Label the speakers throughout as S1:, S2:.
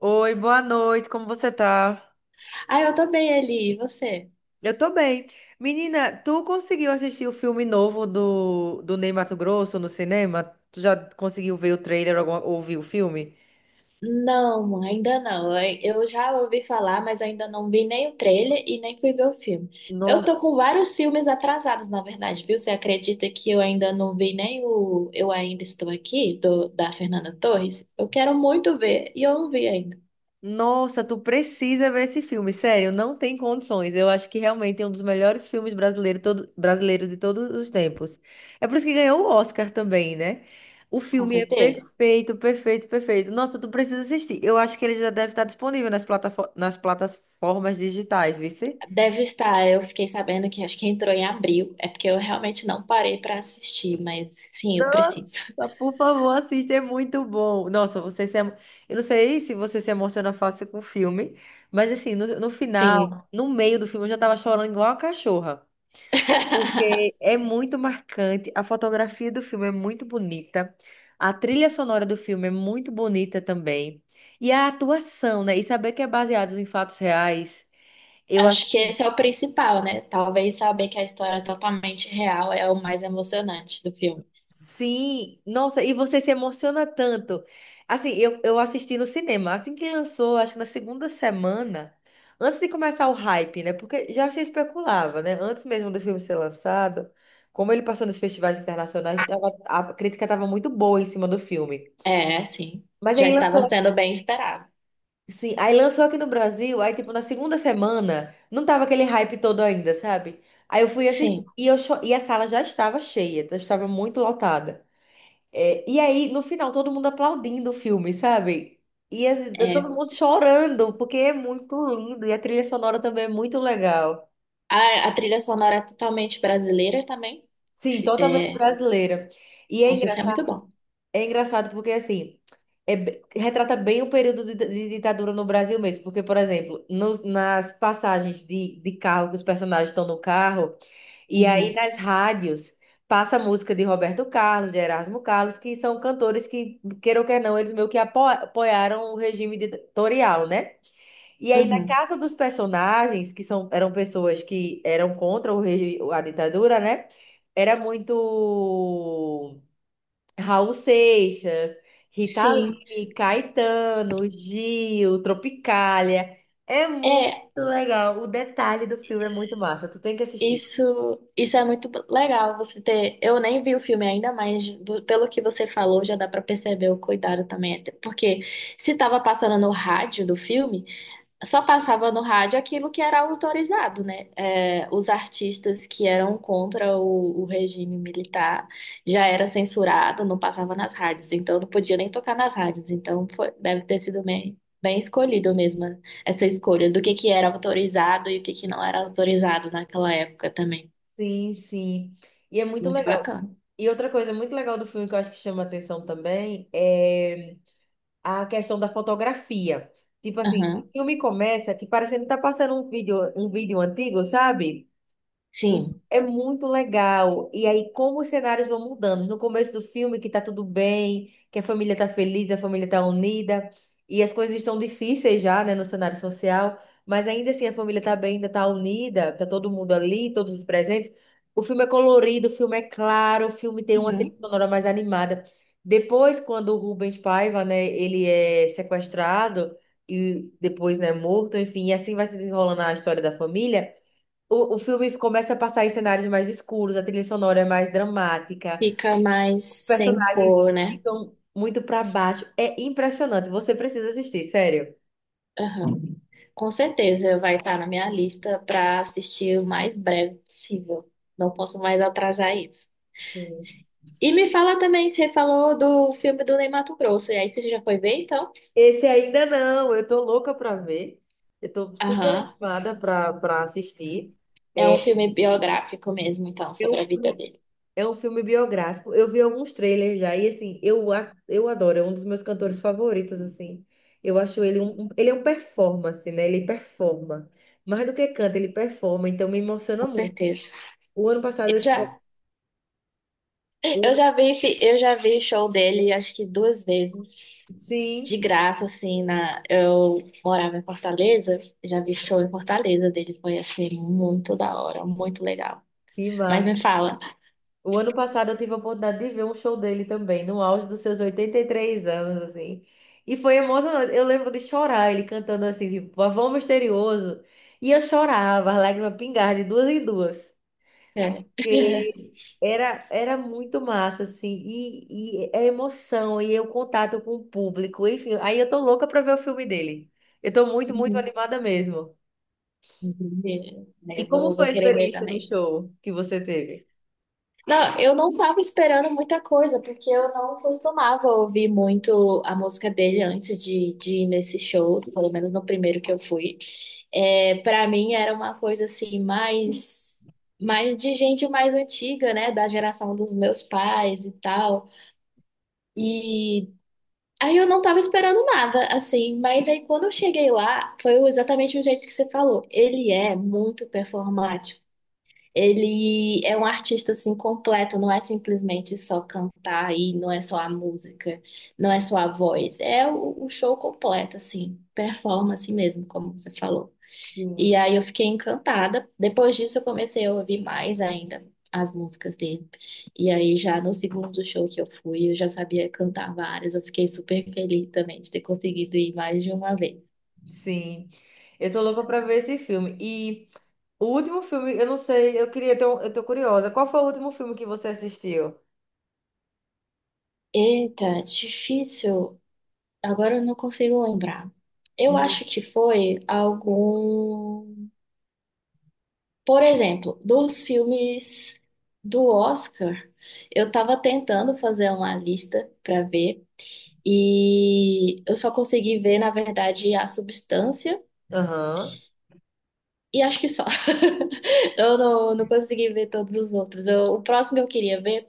S1: Oi, boa noite, como você tá?
S2: Ah, eu tô bem, Eli. E você?
S1: Eu tô bem. Menina, tu conseguiu assistir o filme novo do Ney Matogrosso no cinema? Tu já conseguiu ver o trailer ou ou ouvir o filme?
S2: Não, ainda não. Eu já ouvi falar, mas ainda não vi nem o trailer e nem fui ver o filme. Eu tô com vários filmes atrasados, na verdade, viu? Você acredita que eu ainda não vi nem o Eu Ainda Estou Aqui, da Fernanda Torres? Eu quero muito ver e eu não vi ainda,
S1: Nossa, tu precisa ver esse filme, sério, não tem condições. Eu acho que realmente é um dos melhores filmes brasileiros de todos os tempos. É por isso que ganhou o Oscar também, né? O
S2: com
S1: filme é
S2: certeza.
S1: perfeito, perfeito, perfeito. Nossa, tu precisa assistir. Eu acho que ele já deve estar disponível nas plataformas digitais, vice?
S2: Deve estar, eu fiquei sabendo que acho que entrou em abril. É porque eu realmente não parei pra assistir, mas sim, eu preciso.
S1: Nossa, por favor, assista, é muito bom. Nossa, você se eu não sei se você se emociona fácil com o filme, mas assim, no final,
S2: Sim.
S1: no meio do filme, eu já tava chorando igual uma cachorra. Porque é muito marcante, a fotografia do filme é muito bonita, a trilha sonora do filme é muito bonita também, e a atuação, né? E saber que é baseado em fatos reais, eu acho
S2: Acho que
S1: que
S2: esse é o principal, né? Talvez saber que a história é totalmente real é o mais emocionante do filme.
S1: sim. Nossa, e você se emociona tanto. Assim, eu assisti no cinema, assim que lançou, acho que na segunda semana, antes de começar o hype, né? Porque já se especulava, né? Antes mesmo do filme ser lançado, como ele passou nos festivais internacionais, tava- a crítica estava muito boa em cima do filme.
S2: É, sim.
S1: Mas
S2: Já
S1: aí
S2: estava
S1: lançou,
S2: sendo bem esperado.
S1: sim, aí lançou aqui no Brasil, aí tipo na segunda semana, não tava aquele hype todo ainda, sabe? Aí eu fui assistir
S2: Sim,
S1: e, eu cho- e a sala já estava cheia, já estava muito lotada. É, e aí no final todo mundo aplaudindo o filme, sabe? E assim, tá todo
S2: é.
S1: mundo chorando, porque é muito lindo e a trilha sonora também é muito legal.
S2: A trilha sonora é totalmente brasileira também.
S1: Sim, totalmente
S2: É,
S1: brasileira. E é
S2: nossa, isso é
S1: engraçado.
S2: muito bom.
S1: É engraçado porque, assim, é be- retrata bem o período de ditadura no Brasil mesmo. Porque, por exemplo, nas passagens de carro, que os personagens estão no carro, e aí
S2: Uhum,
S1: nas rádios passa a música de Roberto Carlos, de Erasmo Carlos, que são cantores que, queira ou quer não, eles meio que apoiaram o regime ditatorial, né? E aí, na
S2: uhum.
S1: casa dos personagens, que são, eram pessoas que eram contra o a ditadura, né? Era muito. Raul Seixas, Rita
S2: Sim,
S1: Lee, Caetano, Gil, Tropicália. É muito
S2: é.
S1: legal. O detalhe do filme é muito massa. Tu tem que assistir.
S2: Isso é muito legal você ter. Eu nem vi o filme ainda, mas pelo que você falou, já dá pra perceber o cuidado também. Até porque se tava passando no rádio do filme. Só passava no rádio aquilo que era autorizado, né? É, os artistas que eram contra o regime militar já era censurado, não passava nas rádios, então não podia nem tocar nas rádios. Deve ter sido bem, bem escolhido mesmo né, essa escolha do que era autorizado e o que que não era autorizado naquela época também.
S1: Sim, sim. E é muito
S2: Muito
S1: legal.
S2: bacana.
S1: E outra coisa muito legal do filme que eu acho que chama atenção também é a questão da fotografia. Tipo assim, o
S2: Aham.
S1: filme começa que parecendo que tá passando um vídeo antigo, sabe?
S2: Sim.
S1: É muito legal. E aí, como os cenários vão mudando. No começo do filme, que tá tudo bem, que a família tá feliz, a família tá unida, e as coisas estão difíceis já, né, no cenário social, mas ainda assim a família tá bem, ainda tá unida, tá todo mundo ali, todos os presentes. O filme é colorido, o filme é claro, o filme tem uma trilha
S2: Uhum.
S1: sonora mais animada. Depois, quando o Rubens Paiva, né, ele é sequestrado e depois, né, morto, enfim, e assim vai se desenrolando a história da família. O filme começa a passar em cenários mais escuros, a trilha sonora é mais dramática,
S2: Fica mais
S1: os
S2: sem
S1: personagens
S2: cor, né?
S1: ficam muito para baixo. É impressionante, você precisa assistir, sério.
S2: Aham. Com certeza vai estar na minha lista para assistir o mais breve possível. Não posso mais atrasar isso.
S1: Sim.
S2: E me fala também, você falou do filme do Ney Matogrosso, e aí você já foi ver, então?
S1: Esse ainda não, eu tô louca para ver. Eu tô super
S2: Aham.
S1: animada para assistir.
S2: É
S1: É,
S2: um filme biográfico mesmo, então,
S1: eu
S2: sobre a vida dele.
S1: É um filme biográfico. Eu vi alguns trailers já e assim, eu, a- eu adoro, é um dos meus cantores favoritos assim. Eu acho ele ele é um performance, né? Ele performa. Mais do que canta, ele performa, então me emociona
S2: Com
S1: muito.
S2: certeza.
S1: O ano
S2: Eu
S1: passado eu tive,
S2: já,
S1: o-
S2: eu já vi, eu já vi show dele, acho que duas vezes, de
S1: sim,
S2: graça, assim, na, eu morava em Fortaleza, já vi show em Fortaleza dele, foi, assim, muito da hora, muito legal.
S1: que
S2: Mas
S1: massa.
S2: me fala.
S1: O ano passado eu tive a oportunidade de ver um show dele também, no auge dos seus 83 anos assim. E foi emocionante. Eu lembro de chorar ele cantando assim, tipo, Pavão Misterioso. E eu chorava, as lágrimas pingavam de duas em duas.
S2: É.
S1: Porque era, era muito massa, assim, e é emoção, e é o contato com o público, enfim, aí eu tô louca pra ver o filme dele. Eu tô muito, muito
S2: Uhum,
S1: animada mesmo.
S2: entendi.
S1: E
S2: É,
S1: como foi
S2: vou
S1: a
S2: querer ver
S1: experiência no
S2: também.
S1: show que você teve?
S2: Não, eu não tava esperando muita coisa, porque eu não costumava ouvir muito a música dele antes de ir nesse show, pelo menos no primeiro que eu fui. É, para mim era uma coisa assim, mais, mais de gente mais antiga, né? Da geração dos meus pais e tal. E aí eu não tava esperando nada, assim, mas aí quando eu cheguei lá, foi exatamente o jeito que você falou. Ele é muito performático. Ele é um artista assim completo, não é simplesmente só cantar e não é só a música, não é só a voz, é o show completo assim, performance mesmo, como você falou. E
S1: Sim.
S2: aí eu fiquei encantada. Depois disso eu comecei a ouvir mais ainda as músicas dele. E aí já no segundo show que eu fui, eu já sabia cantar várias. Eu fiquei super feliz também de ter conseguido ir mais de uma vez.
S1: Sim. Eu tô louca pra ver esse filme. E o último filme, eu não sei, eu queria ter um, eu tô curiosa. Qual foi o último filme que você assistiu?
S2: Eita, difícil. Agora eu não consigo lembrar. Eu
S1: Uhum.
S2: acho que foi algum. Por exemplo, dos filmes do Oscar, eu tava tentando fazer uma lista pra ver e eu só consegui ver, na verdade, A Substância.
S1: Aham.
S2: E acho que só. Eu não, não consegui ver todos os outros. O próximo que eu queria ver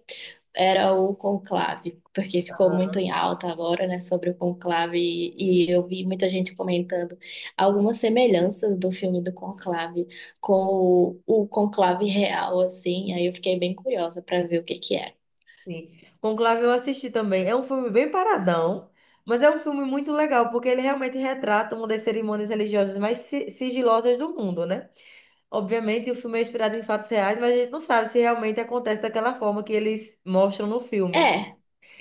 S2: era o Conclave, porque ficou muito em alta agora, né, sobre o Conclave. E eu vi muita gente comentando algumas semelhanças do filme do Conclave com o Conclave real, assim. Aí eu fiquei bem curiosa para ver o que que é.
S1: Sim. Conclave eu assisti também. É um filme bem paradão, mas é um filme muito legal, porque ele realmente retrata uma das cerimônias religiosas mais sigilosas do mundo, né? Obviamente, o filme é inspirado em fatos reais, mas a gente não sabe se realmente acontece daquela forma que eles mostram no filme.
S2: É,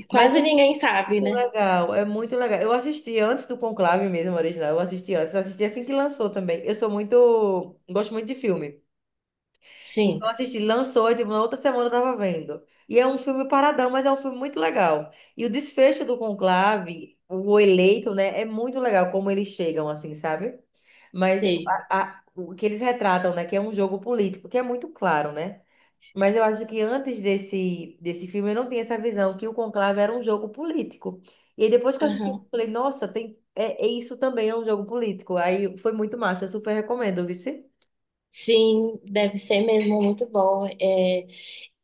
S1: Mas é
S2: quase ninguém sabe,
S1: muito
S2: né?
S1: legal, é muito legal. Eu assisti antes do Conclave mesmo, original. Eu assisti antes, assisti assim que lançou também. Eu sou muito, gosto muito de filme. Então eu
S2: Sim,
S1: assisti, lançou, e tipo, na outra semana eu tava vendo. E é um filme paradão, mas é um filme muito legal. E o desfecho do Conclave, o eleito, né, é muito legal como eles chegam, assim, sabe? Mas
S2: sim.
S1: o que eles retratam, né, que é um jogo político, que é muito claro, né? Mas eu acho que antes desse filme eu não tinha essa visão que o Conclave era um jogo político. E aí depois que eu assisti, eu
S2: Aham.
S1: falei, nossa, tem, é, é isso também é um jogo político. Aí foi muito massa, eu super recomendo, viu?
S2: Sim, deve ser mesmo muito bom. É,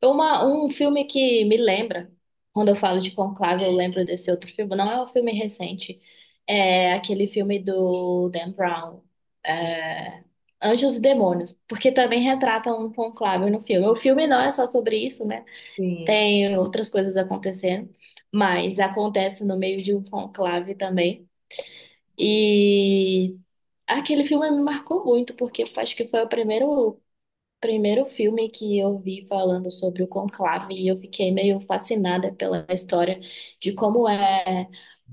S2: Um filme que me lembra, quando eu falo de Conclave, eu lembro desse outro filme. Não é um filme recente, é aquele filme do Dan Brown, é, Anjos e Demônios, porque também retrata um conclave no filme. O filme não é só sobre isso, né?
S1: Sim,
S2: Tem outras coisas acontecendo, mas acontece no meio de um conclave também. E aquele filme me marcou muito, porque eu acho que foi o primeiro filme que eu vi falando sobre o conclave e eu fiquei meio fascinada pela história de como é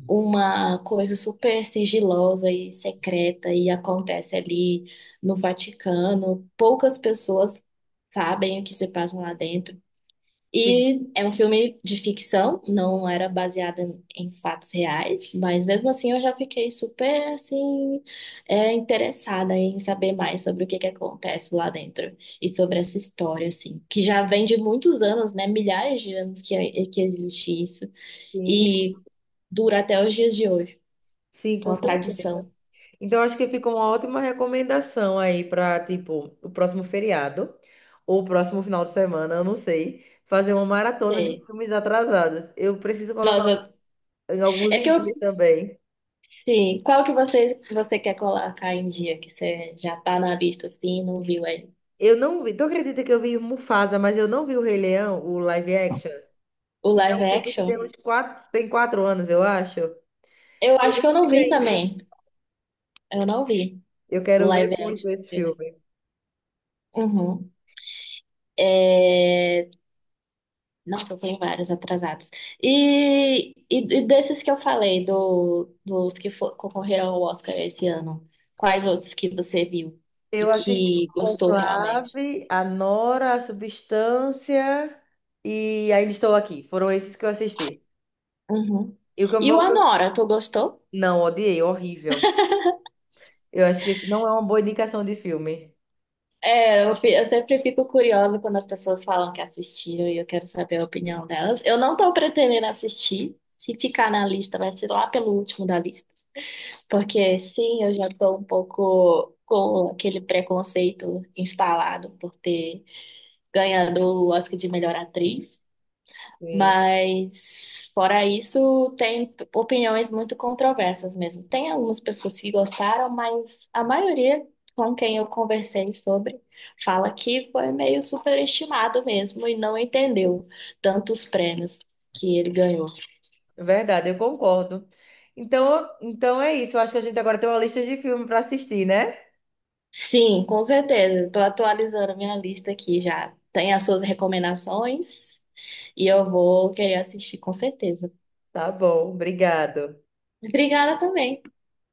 S2: uma coisa super sigilosa e secreta e acontece ali no Vaticano. Poucas pessoas sabem o que se passa lá dentro.
S1: sim,
S2: E é um filme de ficção, não era baseado em fatos reais, mas mesmo assim eu já fiquei super assim, é, interessada em saber mais sobre o que que acontece lá dentro e sobre essa história assim, que já vem de muitos anos, né? Milhares de anos que existe isso
S1: sim.
S2: e dura até os dias de hoje,
S1: Sim, com
S2: uma
S1: certeza.
S2: tradição.
S1: Então, acho que fica uma ótima recomendação aí para, tipo, o próximo feriado ou o próximo final de semana, eu não sei, fazer uma maratona de
S2: É.
S1: filmes atrasados. Eu preciso colocar
S2: Nossa,
S1: em
S2: é que
S1: alguns
S2: eu,
S1: dias também.
S2: sim, qual que você quer colocar em dia que você já tá na lista assim, não viu aí?
S1: Eu não vi, tu acredita que eu vi Mufasa, mas eu não vi o Rei Leão, o live action?
S2: O
S1: E já é
S2: live
S1: um filme que tem
S2: action?
S1: uns quatro, tem 4 anos, eu acho.
S2: Eu
S1: E eu
S2: acho que eu
S1: não vi
S2: não vi
S1: ainda.
S2: também. Eu não vi
S1: Eu
S2: do
S1: quero ver
S2: live action.
S1: muito esse
S2: Peraí.
S1: filme.
S2: Uhum. É... Nossa, eu tenho vários atrasados. E desses que eu falei, dos que concorreram ao Oscar esse ano, quais outros que você viu e
S1: Eu assisti
S2: que gostou realmente?
S1: Conclave, A Nora, A Substância e Ainda Estou Aqui. Foram esses que eu assisti.
S2: Uhum.
S1: E o que eu...
S2: E o Anora, tu gostou?
S1: Não, odiei, horrível. Eu acho que esse não é uma boa indicação de filme.
S2: É, eu, eu sempre fico curiosa quando as pessoas falam que assistiram e eu quero saber a opinião delas. Eu não tô pretendendo assistir. Se ficar na lista, vai ser lá pelo último da lista. Porque sim, eu já estou um pouco com aquele preconceito instalado por ter ganhado o Oscar de melhor atriz,
S1: Sim,
S2: mas fora isso, tem opiniões muito controversas mesmo. Tem algumas pessoas que gostaram, mas a maioria com quem eu conversei sobre fala que foi meio superestimado mesmo e não entendeu tantos prêmios que ele ganhou.
S1: é verdade, eu concordo. Então, então é isso. Eu acho que a gente agora tem uma lista de filme para assistir, né?
S2: Sim, com certeza. Estou atualizando minha lista aqui já. Tem as suas recomendações e eu vou querer assistir, com certeza.
S1: Tá bom, obrigado.
S2: Obrigada também.